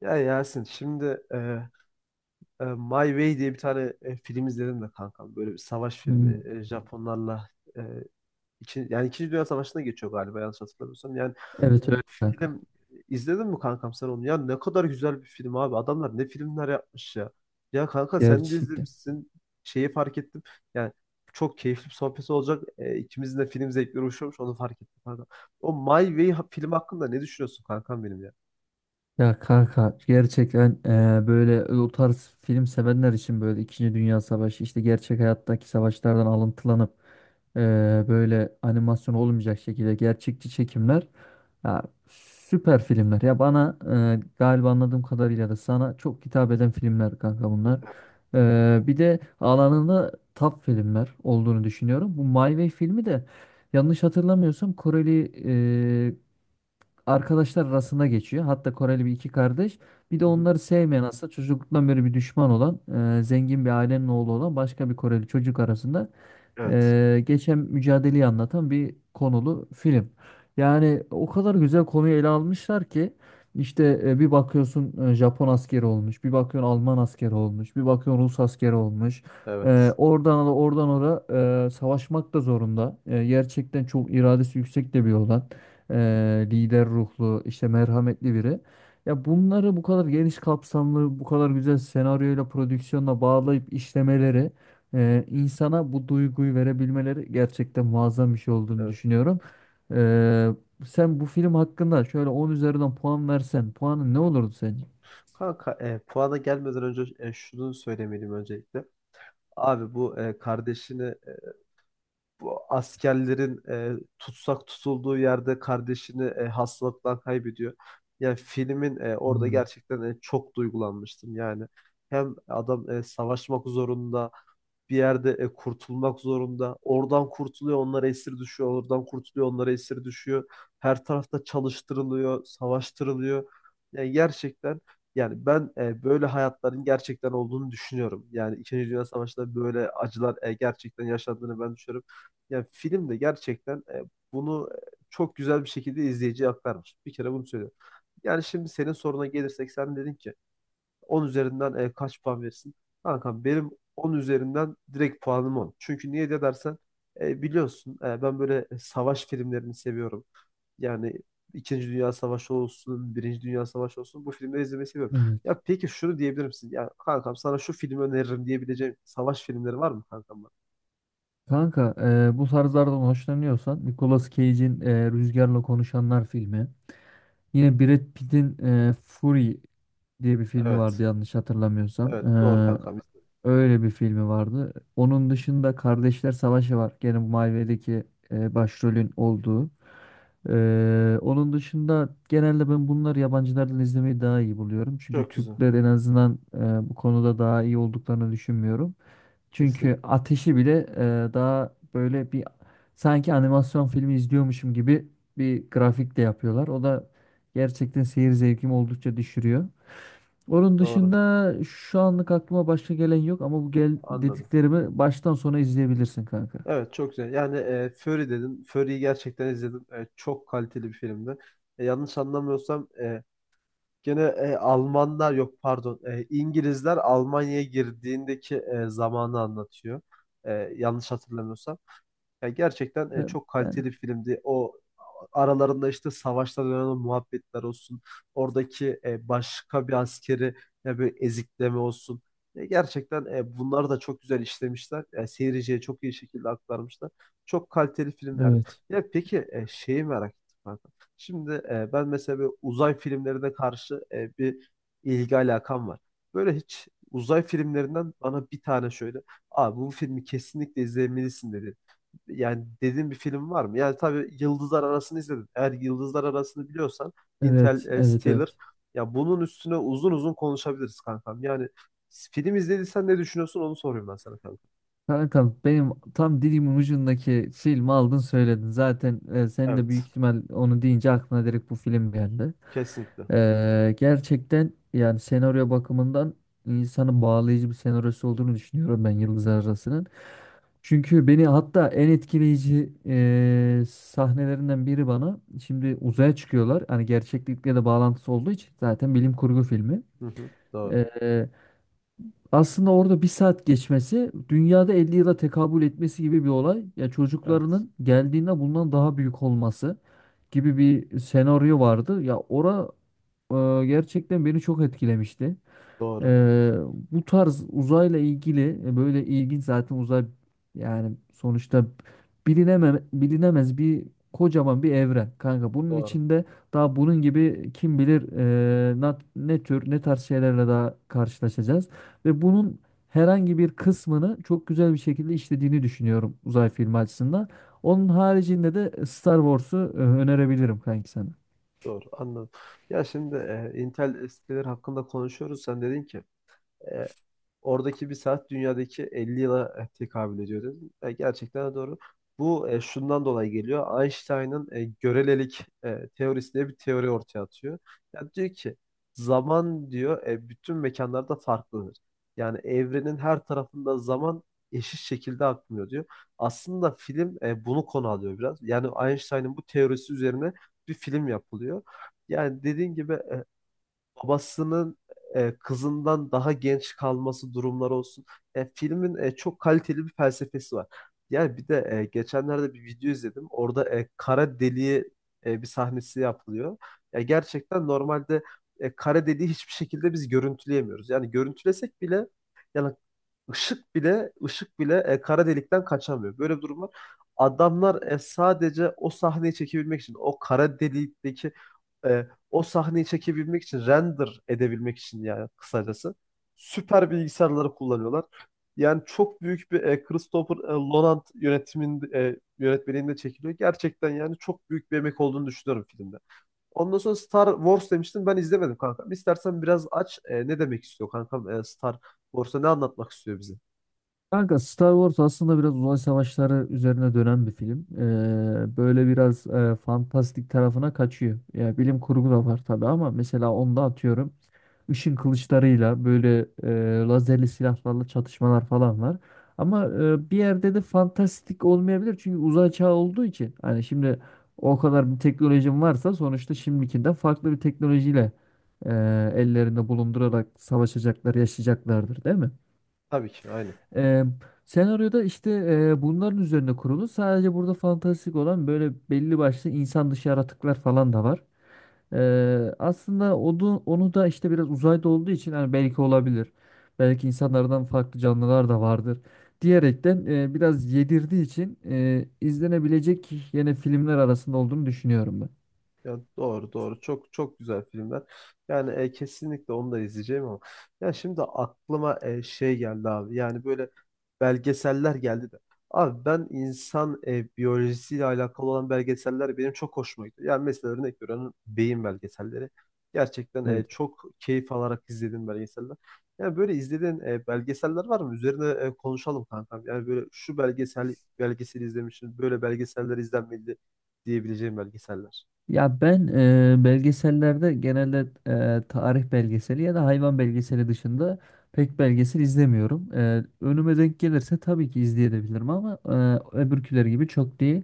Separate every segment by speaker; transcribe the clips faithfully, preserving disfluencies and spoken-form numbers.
Speaker 1: Ya Yasin şimdi e, e, My Way diye bir tane e, film izledim de kankam. Böyle bir savaş filmi.
Speaker 2: Hmm,
Speaker 1: E, Japonlarla e, iki, yani İkinci Dünya Savaşı'na geçiyor galiba yanlış hatırlamıyorsam. Yani
Speaker 2: Evet öyle kanka.
Speaker 1: film izledin mi kankam sen onu? Ya ne kadar güzel bir film abi. Adamlar ne filmler yapmış ya. Ya kanka sen de
Speaker 2: Gerçekten.
Speaker 1: izlemişsin. Şeyi fark ettim. Yani çok keyifli bir sohbet olacak. E, ikimizin de film zevkleri uyuşuyormuş onu fark ettim kankam. O My Way ha- film hakkında ne düşünüyorsun kankam benim ya?
Speaker 2: Ya kanka gerçekten eee, böyle o tarz film sevenler için böyle İkinci Dünya Savaşı işte gerçek hayattaki savaşlardan alıntılanıp eee, böyle animasyon olmayacak şekilde gerçekçi çekimler ya süper filmler. Ya bana eee, galiba anladığım kadarıyla da sana çok hitap eden filmler kanka bunlar. Eee, bir de alanında top filmler olduğunu düşünüyorum. Bu My Way filmi de Yanlış hatırlamıyorsam Koreli e, arkadaşlar arasında geçiyor. Hatta Koreli bir iki kardeş. Bir de
Speaker 1: Hı hı.
Speaker 2: onları sevmeyen aslında çocukluktan beri bir düşman olan e, zengin bir ailenin oğlu olan başka bir Koreli çocuk arasında
Speaker 1: Evet.
Speaker 2: e, geçen mücadeleyi anlatan bir konulu film. Yani o kadar güzel konuyu ele almışlar ki işte e, bir bakıyorsun e, Japon askeri olmuş, bir bakıyorsun Alman askeri olmuş, bir bakıyorsun Rus askeri olmuş. E,
Speaker 1: Evet.
Speaker 2: oradan da oradan oraya e, savaşmak da zorunda. E, gerçekten çok iradesi yüksek de bir olan eee, lider ruhlu, işte merhametli biri. Ya bunları bu kadar geniş kapsamlı, bu kadar güzel senaryoyla, prodüksiyonla bağlayıp işlemeleri, eee, insana bu duyguyu verebilmeleri gerçekten muazzam bir şey olduğunu
Speaker 1: Evet.
Speaker 2: düşünüyorum. Eee, Sen bu film hakkında şöyle on üzerinden puan versen, puanın ne olurdu sence?
Speaker 1: Kanka, e, puana gelmeden önce e, şunu söylemeliyim öncelikle. Abi bu e, kardeşini, e, bu askerlerin e, tutsak tutulduğu yerde kardeşini e, hastalıktan kaybediyor. Yani filmin e, orada
Speaker 2: Hmm,
Speaker 1: gerçekten e, çok duygulanmıştım. Yani hem adam e, savaşmak zorunda, bir yerde e, kurtulmak zorunda. Oradan kurtuluyor, onlara esir düşüyor. Oradan kurtuluyor, onlara esir düşüyor. Her tarafta çalıştırılıyor, savaştırılıyor. Yani gerçekten, yani ben e, böyle hayatların gerçekten olduğunu düşünüyorum. Yani İkinci Dünya Savaşı'nda böyle acılar e, gerçekten yaşandığını ben düşünüyorum. Yani film de gerçekten e, bunu e, çok güzel bir şekilde izleyiciye aktarmış. Bir kere bunu söylüyorum. Yani şimdi senin soruna gelirsek sen dedin ki on üzerinden e, kaç puan verirsin? Kankam benim on üzerinden direkt puanım on. Çünkü niye de dersen e, biliyorsun e, ben böyle e, savaş filmlerini seviyorum. Yani İkinci Dünya Savaşı olsun, Birinci Dünya Savaşı olsun bu filmleri izlemeyi seviyorum.
Speaker 2: evet.
Speaker 1: Ya peki şunu diyebilir misin? Ya kankam, sana şu filmi öneririm diyebileceğim savaş filmleri var mı kankam, bana?
Speaker 2: Kanka, eee, bu tarzlardan hoşlanıyorsan Nicolas Cage'in eee, Rüzgarla Konuşanlar filmi Yine Brad Pitt'in e, Fury diye bir filmi vardı
Speaker 1: Evet.
Speaker 2: yanlış hatırlamıyorsam. E,
Speaker 1: Evet, doğru kankam.
Speaker 2: öyle bir filmi vardı. Onun dışında Kardeşler Savaşı var. Gene Marvel'deki e, başrolün olduğu. E, onun dışında genelde ben bunları yabancılardan izlemeyi daha iyi buluyorum. Çünkü
Speaker 1: Çok güzel.
Speaker 2: Türkler en azından e, bu konuda daha iyi olduklarını düşünmüyorum. Çünkü
Speaker 1: Kesinlikle.
Speaker 2: ateşi bile e, daha böyle bir sanki animasyon filmi izliyormuşum gibi bir grafik de yapıyorlar. O da gerçekten seyir zevkimi oldukça düşürüyor. Onun
Speaker 1: Doğru.
Speaker 2: dışında şu anlık aklıma başka gelen yok ama bu gel
Speaker 1: Anladım.
Speaker 2: dediklerimi baştan sona izleyebilirsin kanka.
Speaker 1: Evet, çok güzel. Yani e, Fury dedin. Fury'yi gerçekten izledim. E, çok kaliteli bir filmdi. E, yanlış anlamıyorsam e, gene e, Almanlar, yok pardon. E, İngilizler Almanya'ya girdiğindeki e, zamanı anlatıyor. E, yanlış hatırlamıyorsam. Ya gerçekten
Speaker 2: E,
Speaker 1: e, çok
Speaker 2: ben-
Speaker 1: kaliteli filmdi. O aralarında işte savaşta dönen o muhabbetler olsun. Oradaki e, başka bir askeri ya böyle ezikleme olsun. E, gerçekten e, bunları da çok güzel işlemişler. E, seyirciye çok iyi şekilde aktarmışlar. Çok kaliteli filmlerdi.
Speaker 2: Evet.
Speaker 1: Ya peki, e, şeyi merak ettim kanka. Şimdi e, ben mesela böyle uzay filmlerine karşı e, bir ilgi alakam var. Böyle hiç uzay filmlerinden bana bir tane şöyle "Abi, bu filmi kesinlikle izlemelisin" dedi yani dediğin bir film var mı? Yani tabii Yıldızlar Arası'nı izledim. Eğer Yıldızlar Arası'nı biliyorsan, Intel
Speaker 2: Evet, evet,
Speaker 1: Interstellar,
Speaker 2: evet.
Speaker 1: ya bunun üstüne uzun uzun konuşabiliriz kankam. Yani film izlediysen ne düşünüyorsun onu soruyorum ben sana kankam.
Speaker 2: Kankam benim tam dilimin ucundaki filmi aldın söyledin. Zaten e, sen de büyük
Speaker 1: Evet.
Speaker 2: ihtimal onu deyince aklına direkt bu film geldi.
Speaker 1: Kesinlikle.
Speaker 2: E, gerçekten yani senaryo bakımından insanı bağlayıcı bir senaryosu olduğunu düşünüyorum ben Yıldızlar Arası'nın. Çünkü beni hatta en etkileyici e, sahnelerinden biri bana şimdi uzaya çıkıyorlar. Hani gerçeklikle de bağlantısı olduğu için zaten bilim kurgu filmi.
Speaker 1: Hı hı, doğru.
Speaker 2: Ee, Aslında orada bir saat geçmesi dünyada elli yıla tekabül etmesi gibi bir olay. Ya
Speaker 1: Evet.
Speaker 2: çocuklarının geldiğinde bundan daha büyük olması gibi bir senaryo vardı. Ya ora e, gerçekten beni çok etkilemişti.
Speaker 1: Doğru.
Speaker 2: Ee, Bu tarz uzayla ilgili e, böyle ilginç zaten uzay yani sonuçta bilineme, bilinemez bir kocaman bir evren kanka. Bunun
Speaker 1: Doğru.
Speaker 2: içinde daha bunun gibi kim bilir e, na- ne tür ne tarz şeylerle daha karşılaşacağız ve bunun herhangi bir kısmını çok güzel bir şekilde işlediğini düşünüyorum uzay filmi açısından. Onun haricinde de Star Wars'u e, önerebilirim kanki sana.
Speaker 1: Doğru. Anladım. Ya şimdi e, Interstellar hakkında konuşuyoruz. Sen dedin ki e, oradaki bir saat dünyadaki elli yıla eh, tekabül ediyor dedim. E, gerçekten de doğru. Bu e, şundan dolayı geliyor. Einstein'ın e, görelilik e, teorisi diye bir teori ortaya atıyor. Yani diyor ki zaman diyor e, bütün mekanlarda farklıdır. Yani evrenin her tarafında zaman eşit şekilde akmıyor diyor. Aslında film e, bunu konu alıyor biraz. Yani Einstein'ın bu teorisi üzerine bir film yapılıyor. Yani dediğin gibi eh, babasının e, kızından daha genç kalması durumları olsun. E, filmin e, çok kaliteli bir felsefesi var. Yani bir de e, geçenlerde bir video izledim. Orada e, kara deliği e, bir sahnesi yapılıyor. Ya gerçekten normalde e, kara deliği hiçbir şekilde biz görüntüleyemiyoruz. Yani görüntülesek bile, yani Işık bile ışık bile e, kara delikten kaçamıyor. Böyle bir durum var. Adamlar e, sadece o sahneyi çekebilmek için, o kara delikteki e, o sahneyi çekebilmek için, render edebilmek için, yani kısacası süper bilgisayarları kullanıyorlar. Yani çok büyük bir e, Christopher e, Nolan yönetimin e, yönetmenliğinde çekiliyor. Gerçekten yani çok büyük bir emek olduğunu düşünüyorum filmde. Ondan sonra Star Wars demiştin, ben izlemedim kankam. İstersen biraz aç, e, ne demek istiyor kankam, e, Star Borsa ne anlatmak istiyor bize?
Speaker 2: Kanka Star Wars aslında biraz uzay savaşları üzerine dönen bir film. Ee, böyle biraz e, fantastik tarafına kaçıyor. Ya bilim kurgu da var tabii ama mesela onda atıyorum ışın kılıçlarıyla böyle e, lazerli silahlarla çatışmalar falan var. Ama e, bir yerde de fantastik olmayabilir çünkü uzay çağı olduğu için. Hani şimdi o kadar bir teknolojin varsa sonuçta şimdikinden farklı bir teknolojiyle e, ellerinde bulundurarak savaşacaklar, yaşayacaklardır, değil mi?
Speaker 1: Tabii ki, aynen.
Speaker 2: Ee, Senaryoda işte e, bunların üzerine kurulu. Sadece burada fantastik olan böyle belli başlı insan dışı yaratıklar falan da var. Ee, aslında onu, onu da işte biraz uzayda olduğu için hani belki olabilir. Belki insanlardan farklı canlılar da vardır. Diyerekten e, biraz yedirdiği için e, izlenebilecek yine filmler arasında olduğunu düşünüyorum ben.
Speaker 1: Ya doğru, doğru, çok çok güzel filmler. Yani e, kesinlikle onu da izleyeceğim ama ya şimdi aklıma e, şey geldi abi. Yani böyle belgeseller geldi de. Abi ben insan e, biyolojisiyle alakalı olan belgeseller benim çok hoşuma gidiyor. Yani mesela örnek veriyorum, beyin belgeselleri. Gerçekten e,
Speaker 2: Evet.
Speaker 1: çok keyif alarak izlediğim belgeseller. Yani böyle izlediğin e, belgeseller var mı? Üzerine e, konuşalım kankam. Yani böyle "şu belgesel belgeseli izlemişim, böyle belgeseller izlenmedi" diyebileceğim belgeseller.
Speaker 2: Ya ben e, belgesellerde genelde e, tarih belgeseli ya da hayvan belgeseli dışında pek belgesel izlemiyorum. E, önüme denk gelirse tabii ki izleyebilirim ama e, öbürküleri gibi çok değil.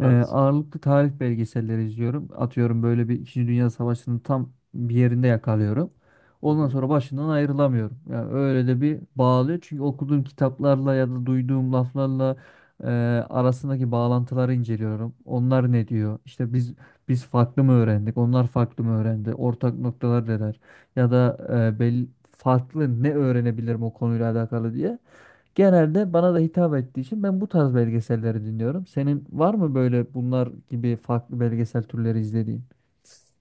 Speaker 2: E, ağırlıklı tarih belgeselleri izliyorum. Atıyorum böyle bir İkinci Dünya Savaşı'nın tam bir yerinde yakalıyorum.
Speaker 1: Hı
Speaker 2: Ondan
Speaker 1: hı.
Speaker 2: sonra başından ayrılamıyorum. Yani öyle de bir bağlıyor. Çünkü okuduğum kitaplarla ya da duyduğum laflarla e, arasındaki bağlantıları inceliyorum. Onlar ne diyor? İşte biz biz farklı mı öğrendik? Onlar farklı mı öğrendi? Ortak noktalar neler? Ya da e, belli farklı ne öğrenebilirim o konuyla alakalı diye. Genelde bana da hitap ettiği için ben bu tarz belgeselleri dinliyorum. Senin var mı böyle bunlar gibi farklı belgesel türleri izlediğin?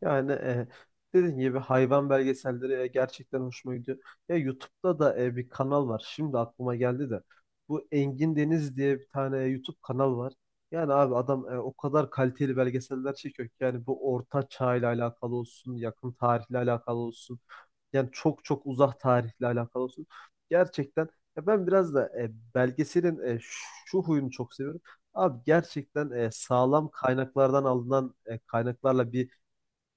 Speaker 1: Yani e, dediğim gibi hayvan belgeselleri e, gerçekten hoşuma gidiyor. Ya YouTube'da da e, bir kanal var. Şimdi aklıma geldi de. Bu Engin Deniz diye bir tane e, YouTube kanal var. Yani abi, adam e, o kadar kaliteli belgeseller çekiyor ki yani bu orta çağ ile alakalı olsun, yakın tarihle alakalı olsun. Yani çok çok uzak tarihle alakalı olsun. Gerçekten, ya ben biraz da e, belgeselin e, şu huyunu çok seviyorum. Abi gerçekten e, sağlam kaynaklardan alınan e, kaynaklarla bir,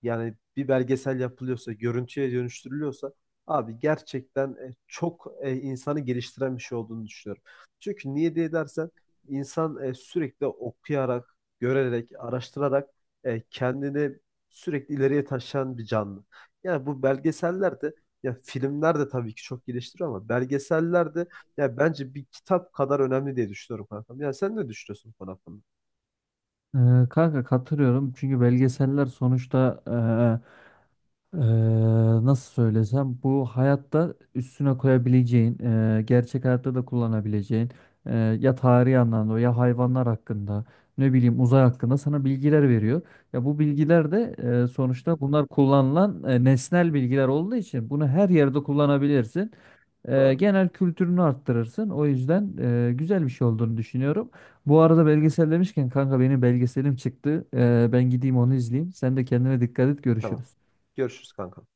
Speaker 1: yani bir belgesel yapılıyorsa, görüntüye dönüştürülüyorsa, abi gerçekten e, çok e, insanı geliştiren bir şey olduğunu düşünüyorum. Çünkü niye diye dersen, insan e, sürekli okuyarak, görerek, araştırarak e, kendini sürekli ileriye taşıyan bir canlı. Yani bu belgeseller de, ya filmler de tabii ki çok geliştiriyor ama belgeseller de ya bence bir kitap kadar önemli diye düşünüyorum kankam. Yani sen ne düşünüyorsun bu konu hakkında?
Speaker 2: Ee, kanka katılıyorum çünkü belgeseller sonuçta Eee, nasıl söylesem bu hayatta üstüne koyabileceğin, eee, gerçek hayatta da kullanabileceğin eee, ya tarihi anlamda ya hayvanlar hakkında ne bileyim uzay hakkında sana bilgiler veriyor. Ya bu bilgiler de eee, sonuçta bunlar kullanılan eee, nesnel bilgiler olduğu için bunu her yerde kullanabilirsin. Eee,
Speaker 1: Doğru.
Speaker 2: genel kültürünü arttırırsın. O yüzden eee, güzel bir şey olduğunu düşünüyorum. Bu arada belgesel demişken kanka benim belgeselim çıktı. Eee, ben gideyim onu izleyeyim. Sen de kendine dikkat et
Speaker 1: Tamam.
Speaker 2: görüşürüz.
Speaker 1: Görüşürüz kanka.